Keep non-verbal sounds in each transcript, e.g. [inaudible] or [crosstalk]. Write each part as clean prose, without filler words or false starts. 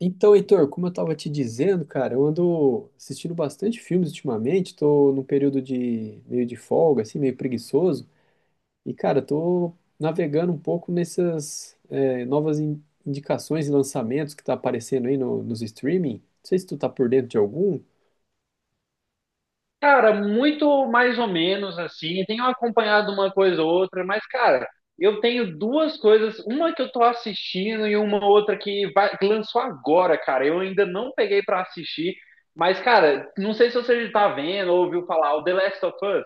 Então, Heitor, como eu estava te dizendo, cara, eu ando assistindo bastante filmes ultimamente, estou num período de meio de folga, assim, meio preguiçoso, e, cara, estou navegando um pouco nessas novas indicações e lançamentos que tá aparecendo aí nos streaming. Não sei se tu tá por dentro de algum. Cara, muito mais ou menos assim. Tenho acompanhado uma coisa ou outra, mas, cara, eu tenho duas coisas. Uma que eu tô assistindo e uma outra que, que lançou agora, cara. Eu ainda não peguei pra assistir, mas, cara, não sei se você já tá vendo ou ouviu falar, o The Last of Us.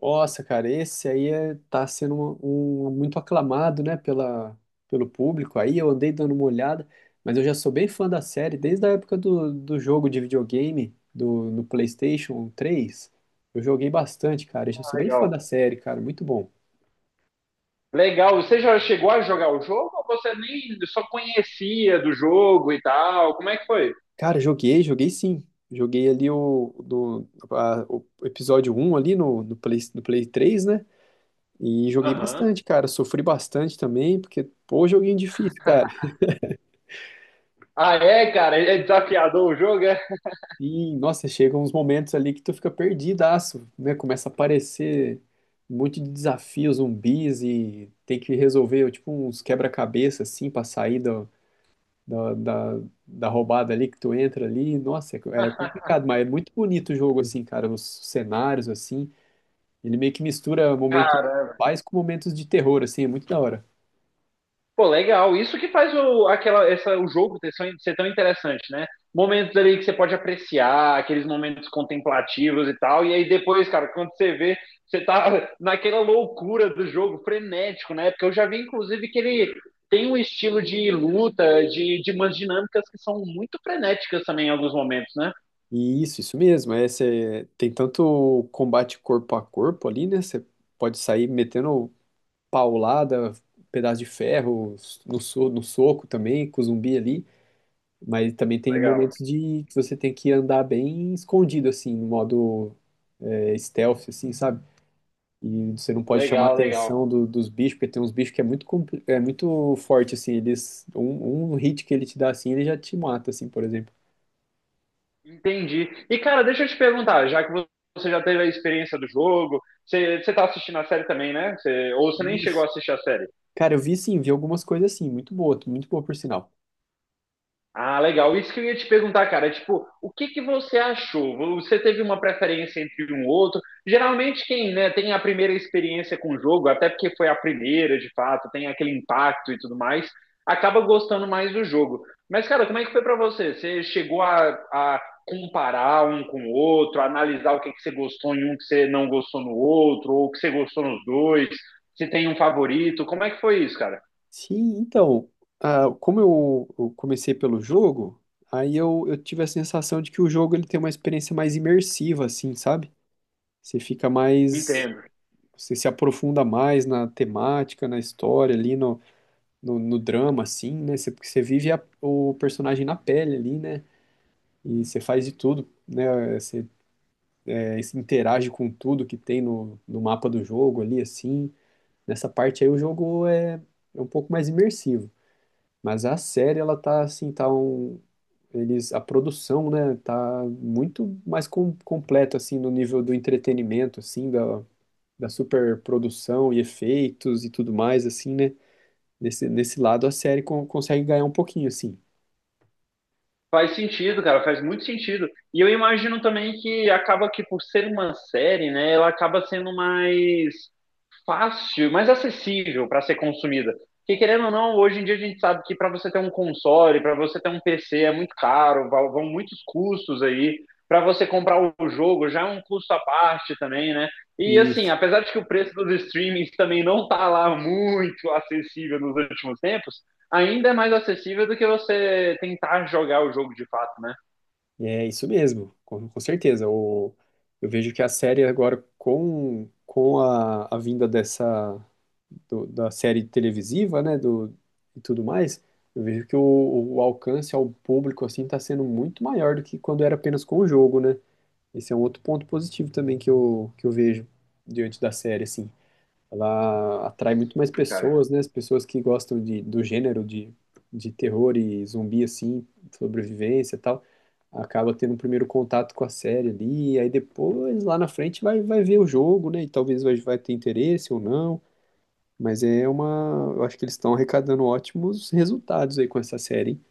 Nossa, cara, esse aí tá sendo muito aclamado, né, pelo público. Aí eu andei dando uma olhada, mas eu já sou bem fã da série desde a época do jogo de videogame, do, no PlayStation 3. Eu joguei bastante, cara. Eu já Ah, sou bem fã legal. da série, cara. Muito bom. Legal. Você já chegou a jogar o jogo ou você nem só conhecia do jogo e tal? Como é que foi? Cara, joguei sim. Joguei ali o, do, o episódio um ali no, no Play 3, né? E joguei Aham. bastante, cara. Sofri bastante também, porque, pô, joguinho difícil, cara. Ah, é, cara? É desafiador o jogo, é? E, nossa, chegam uns momentos ali que tu fica perdidaço, né? Começa a aparecer um monte de desafios, zumbis e tem que resolver, tipo, uns quebra-cabeça, assim, pra sair da, da, da roubada ali que tu entra ali. Nossa, é complicado, mas é muito bonito o jogo, assim, cara, os cenários, assim. Ele meio que mistura momentos de Caramba. paz com momentos de terror, assim, é muito da hora. Pô, legal. Isso que faz o jogo ter, ser tão interessante, né? Momentos ali que você pode apreciar, aqueles momentos contemplativos e tal. E aí depois, cara, quando você vê, você tá [laughs] naquela loucura do jogo, frenético, né? Porque eu já vi, inclusive, que ele tem um estilo de luta, de umas dinâmicas que são muito frenéticas também em alguns momentos, né? E isso mesmo. É, tem tanto combate corpo a corpo ali, né? Você pode sair metendo paulada, pedaço de ferro, no soco também, com o zumbi ali. Mas também tem Legal. momentos de que você tem que andar bem escondido, assim, no modo stealth, assim, sabe? E você não pode chamar a Legal, legal. atenção dos bichos, porque tem uns bichos que é muito, é muito forte, assim, eles, um hit que ele te dá, assim, ele já te mata, assim, por exemplo. Entendi. E, cara, deixa eu te perguntar, já que você já teve a experiência do jogo, você tá assistindo a série também, né? Ou você nem chegou Isso. a assistir a série? Cara, eu vi sim, vi algumas coisas assim, muito boa por sinal. Ah, legal. Isso que eu ia te perguntar, cara. Tipo, o que que você achou? Você teve uma preferência entre um ou outro? Geralmente quem, né, tem a primeira experiência com o jogo, até porque foi a primeira, de fato, tem aquele impacto e tudo mais, acaba gostando mais do jogo. Mas, cara, como é que foi pra você? Você chegou a comparar um com o outro, a analisar o que que você gostou em um que você não gostou no outro, ou o que você gostou nos dois? Se tem um favorito? Como é que foi isso, cara? Sim, então, ah, como eu comecei pelo jogo, aí eu tive a sensação de que o jogo ele tem uma experiência mais imersiva, assim, sabe? Você fica mais, Entendo. você se aprofunda mais na temática, na história ali, no drama, assim, né? Você, porque você vive o personagem na pele ali, né? E você faz de tudo, né? Você, é, você interage com tudo que tem no mapa do jogo ali, assim. Nessa parte aí o jogo é um pouco mais imersivo. Mas a série, ela tá assim, tá um. Eles, a produção, né, tá muito mais com, completa, assim, no nível do entretenimento, assim, da, da superprodução e efeitos e tudo mais, assim, né? Nesse lado, a série consegue ganhar um pouquinho, assim. Faz sentido, cara, faz muito sentido. E eu imagino também que acaba que por ser uma série, né, ela acaba sendo mais fácil, mais acessível para ser consumida. Porque querendo ou não, hoje em dia a gente sabe que para você ter um console, para você ter um PC é muito caro, vão muitos custos aí. Para você comprar o jogo já é um custo à parte também, né? E E assim, apesar de que o preço dos streamings também não tá lá muito acessível nos últimos tempos, ainda é mais acessível do que você tentar jogar o jogo de fato, né? É isso mesmo, com certeza. O, eu vejo que a série agora, com a vinda dessa da série televisiva, né, do, e tudo mais, eu vejo que o alcance ao público assim está sendo muito maior do que quando era apenas com o jogo, né? Esse é um outro ponto positivo também que que eu vejo diante da série, assim. Ela atrai muito mais Cara. pessoas, né? As pessoas que gostam de, do gênero de terror e zumbi, assim, sobrevivência e tal, acaba tendo um primeiro contato com a série ali, e aí depois, lá na frente, vai, vai ver o jogo, né? E talvez vai, vai ter interesse ou não, mas é uma... Eu acho que eles estão arrecadando ótimos resultados aí com essa série, hein?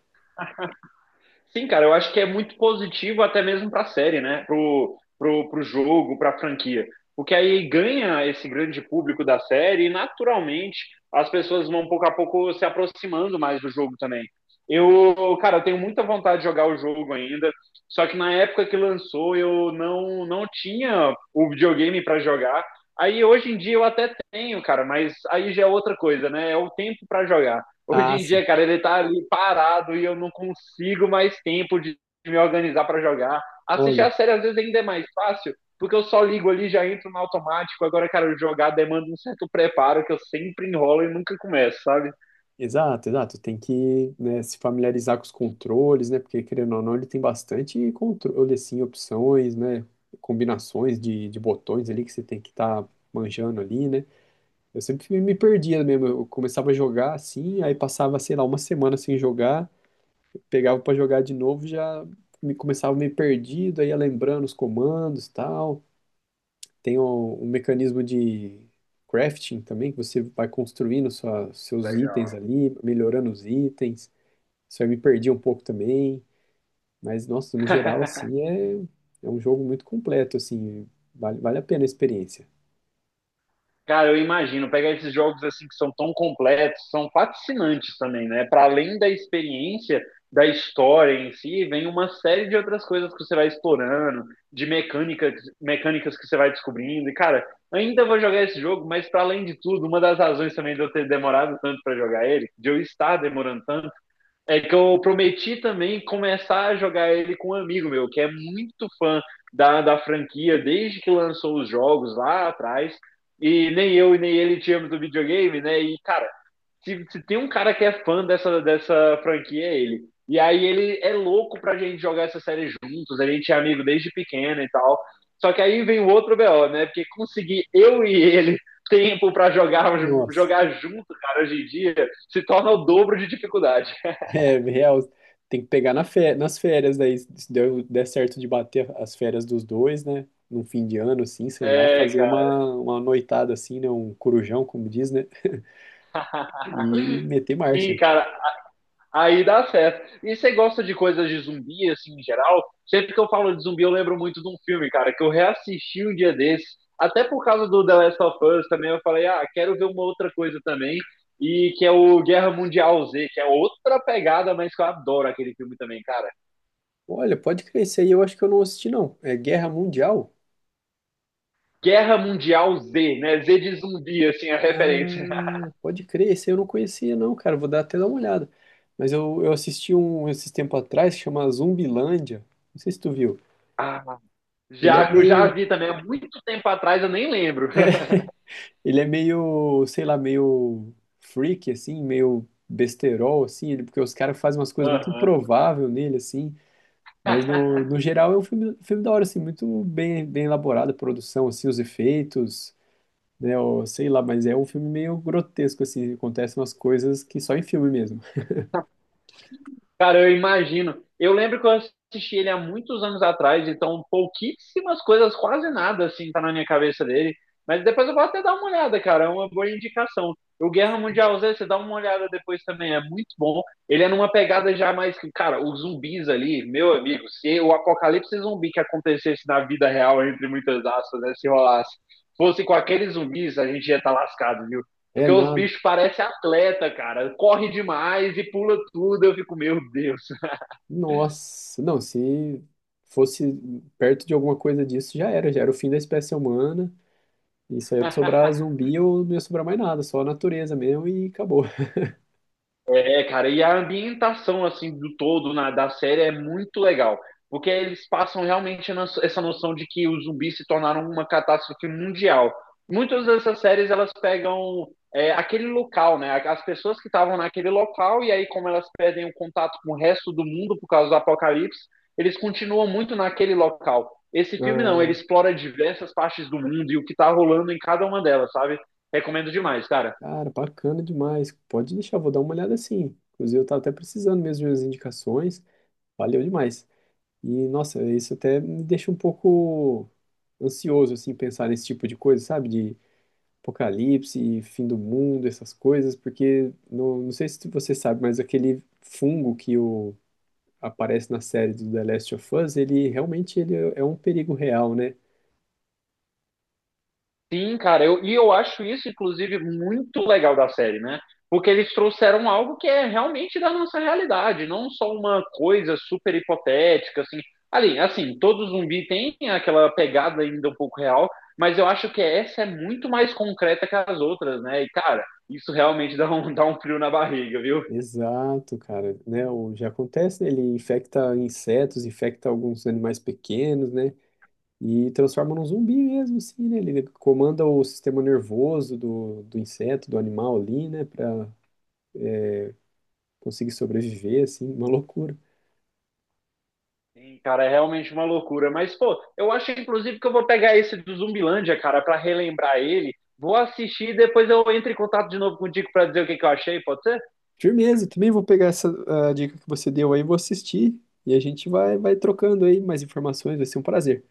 Sim, cara, eu acho que é muito positivo até mesmo para a série, né? Pro jogo, para a franquia. Porque aí ganha esse grande público da série e naturalmente as pessoas vão pouco a pouco se aproximando mais do jogo também. Eu, cara, eu tenho muita vontade de jogar o jogo ainda, só que na época que lançou eu não tinha o videogame para jogar. Aí hoje em dia eu até tenho, cara, mas aí já é outra coisa, né? É o tempo para jogar. Hoje Ah, em sim. dia, cara, ele tá ali parado e eu não consigo mais tempo de me organizar para jogar. Assistir Olha. a série às vezes ainda é mais fácil, porque eu só ligo ali, já entro no automático. Agora, cara, jogar demanda um certo preparo que eu sempre enrolo e nunca começo, sabe? Exato, exato. Tem que, né, se familiarizar com os controles, né? Porque, querendo ou não, ele tem bastante controle, assim, opções, né? Combinações de botões ali que você tem que estar manjando ali, né? Eu sempre me perdia mesmo. Eu começava a jogar assim, aí passava, sei lá, uma semana sem jogar, pegava para jogar de novo, já me começava meio perdido, aí ia lembrando os comandos e tal. Tem um mecanismo de crafting também, que você vai construindo seus itens Legal. ali, melhorando os itens. Isso eu me perdi um pouco também, mas nossa, no geral [laughs] assim é um jogo muito completo assim, vale, vale a pena a experiência. Cara, eu imagino, pegar esses jogos assim que são tão completos, são fascinantes também, né? Para além da experiência, da história em si, vem uma série de outras coisas que você vai explorando, de mecânicas, mecânicas que você vai descobrindo. E cara, ainda vou jogar esse jogo, mas para além de tudo, uma das razões também de eu ter demorado tanto para jogar ele, de eu estar demorando tanto é que eu prometi também começar a jogar ele com um amigo meu, que é muito fã da franquia desde que lançou os jogos lá atrás. E nem eu e nem ele tínhamos o videogame, né? E, cara, se tem um cara que é fã dessa franquia, é ele. E aí ele é louco pra gente jogar essa série juntos, a gente é amigo desde pequeno e tal. Só que aí vem o outro BO, né? Porque conseguir eu e ele tempo pra jogar, Nossa, jogar junto, cara, hoje em dia, se torna o dobro de dificuldade. [laughs] é real, tem que pegar na fé, nas férias daí, se deu, der certo de bater as férias dos dois, né? Num fim de ano assim, sei lá, É, fazer cara. Uma noitada assim, né, um corujão, como diz, né? E meter Sim, marcha. cara. Aí dá certo. E você gosta de coisas de zumbi, assim, em geral? Sempre que eu falo de zumbi, eu lembro muito de um filme, cara, que eu reassisti um dia desse. Até por causa do The Last of Us também, eu falei, ah, quero ver uma outra coisa também. E que é o Guerra Mundial Z, que é outra pegada, mas que eu adoro aquele filme também, cara. Olha, pode crescer aí, eu acho que eu não assisti não. É Guerra Mundial? Guerra Mundial Z, né? Z de zumbi, assim, a Ah, referência. [laughs] pode crer, esse aí eu não conhecia, não, cara. Vou dar até dar uma olhada. Mas eu assisti um esses tempo atrás que chama Zumbilândia. Não sei se tu viu. Ah, Ele é já meio, vi também, há muito tempo atrás, eu nem lembro. ele é meio, sei lá, meio freak, assim, meio besterol, assim, ele, porque os caras fazem umas coisas muito [laughs] improváveis nele, assim. Mas no Aham. geral é um filme, filme da hora, assim, muito bem, bem elaborado a produção, assim, os efeitos, né? ou sei lá, mas é um filme meio grotesco, assim, acontecem umas coisas que só em filme mesmo. Cara, eu imagino. Eu lembro que eu assisti ele há muitos anos atrás, então pouquíssimas coisas, quase nada, assim, tá na minha cabeça dele. Mas depois eu vou até dar uma olhada, cara, é uma boa indicação. O Guerra Mundial Z, você dá uma olhada depois também, é muito bom. Ele é numa pegada já mais que, cara, os zumbis ali, meu amigo, se o apocalipse zumbi que acontecesse na vida real, entre muitas aspas, né, se rolasse, fosse com aqueles zumbis, a gente ia estar lascado, viu? É Porque os nada. bichos parecem atleta, cara. Corre demais e pula tudo. Eu fico, meu Deus. Nossa, não, se fosse perto de alguma coisa disso, já era o fim da espécie humana. Isso aí ia sobrar zumbi ou não ia sobrar mais nada, só a natureza mesmo e acabou. [laughs] É, cara, e a ambientação assim do todo na, da série é muito legal, porque eles passam realmente essa noção de que os zumbis se tornaram uma catástrofe mundial. Muitas dessas séries elas pegam aquele local, né? As pessoas que estavam naquele local e aí como elas perdem o contato com o resto do mundo por causa do apocalipse, eles continuam muito naquele local. Esse filme não, ele Ah, explora diversas partes do mundo e o que tá rolando em cada uma delas, sabe? Recomendo demais, cara. cara, bacana demais. Pode deixar, vou dar uma olhada sim. Inclusive, eu tava até precisando mesmo de umas indicações. Valeu demais. E, nossa, isso até me deixa um pouco ansioso, assim, pensar nesse tipo de coisa, sabe? Apocalipse, fim do mundo, essas coisas, porque não sei se você sabe, mas aquele fungo que o, aparece na série do The Last of Us, ele realmente ele é um perigo real, né? Sim, cara, e eu acho isso, inclusive, muito legal da série, né? Porque eles trouxeram algo que é realmente da nossa realidade, não só uma coisa super hipotética, assim. Ali, assim, todo zumbi tem aquela pegada ainda um pouco real, mas eu acho que essa é muito mais concreta que as outras, né? E, cara, isso realmente [laughs] dá um frio na barriga, viu? Exato, cara, né? O, já acontece, né? Ele infecta insetos, infecta alguns animais pequenos, né? E transforma num zumbi mesmo, assim, né? Ele comanda o sistema nervoso do inseto, do animal ali, né? Pra conseguir sobreviver, assim, uma loucura. Sim, cara, é realmente uma loucura. Mas, pô, eu acho inclusive que eu vou pegar esse do Zumbilândia, cara, pra relembrar ele. Vou assistir e depois eu entro em contato de novo contigo pra dizer o que que eu achei, pode ser? Firmeza, também vou pegar essa ah, dica que você deu aí, vou assistir e a gente vai, vai trocando aí mais informações, vai ser um prazer.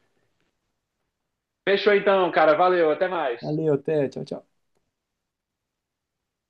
Fechou então, cara. Valeu, até mais. Valeu, até, tchau, tchau.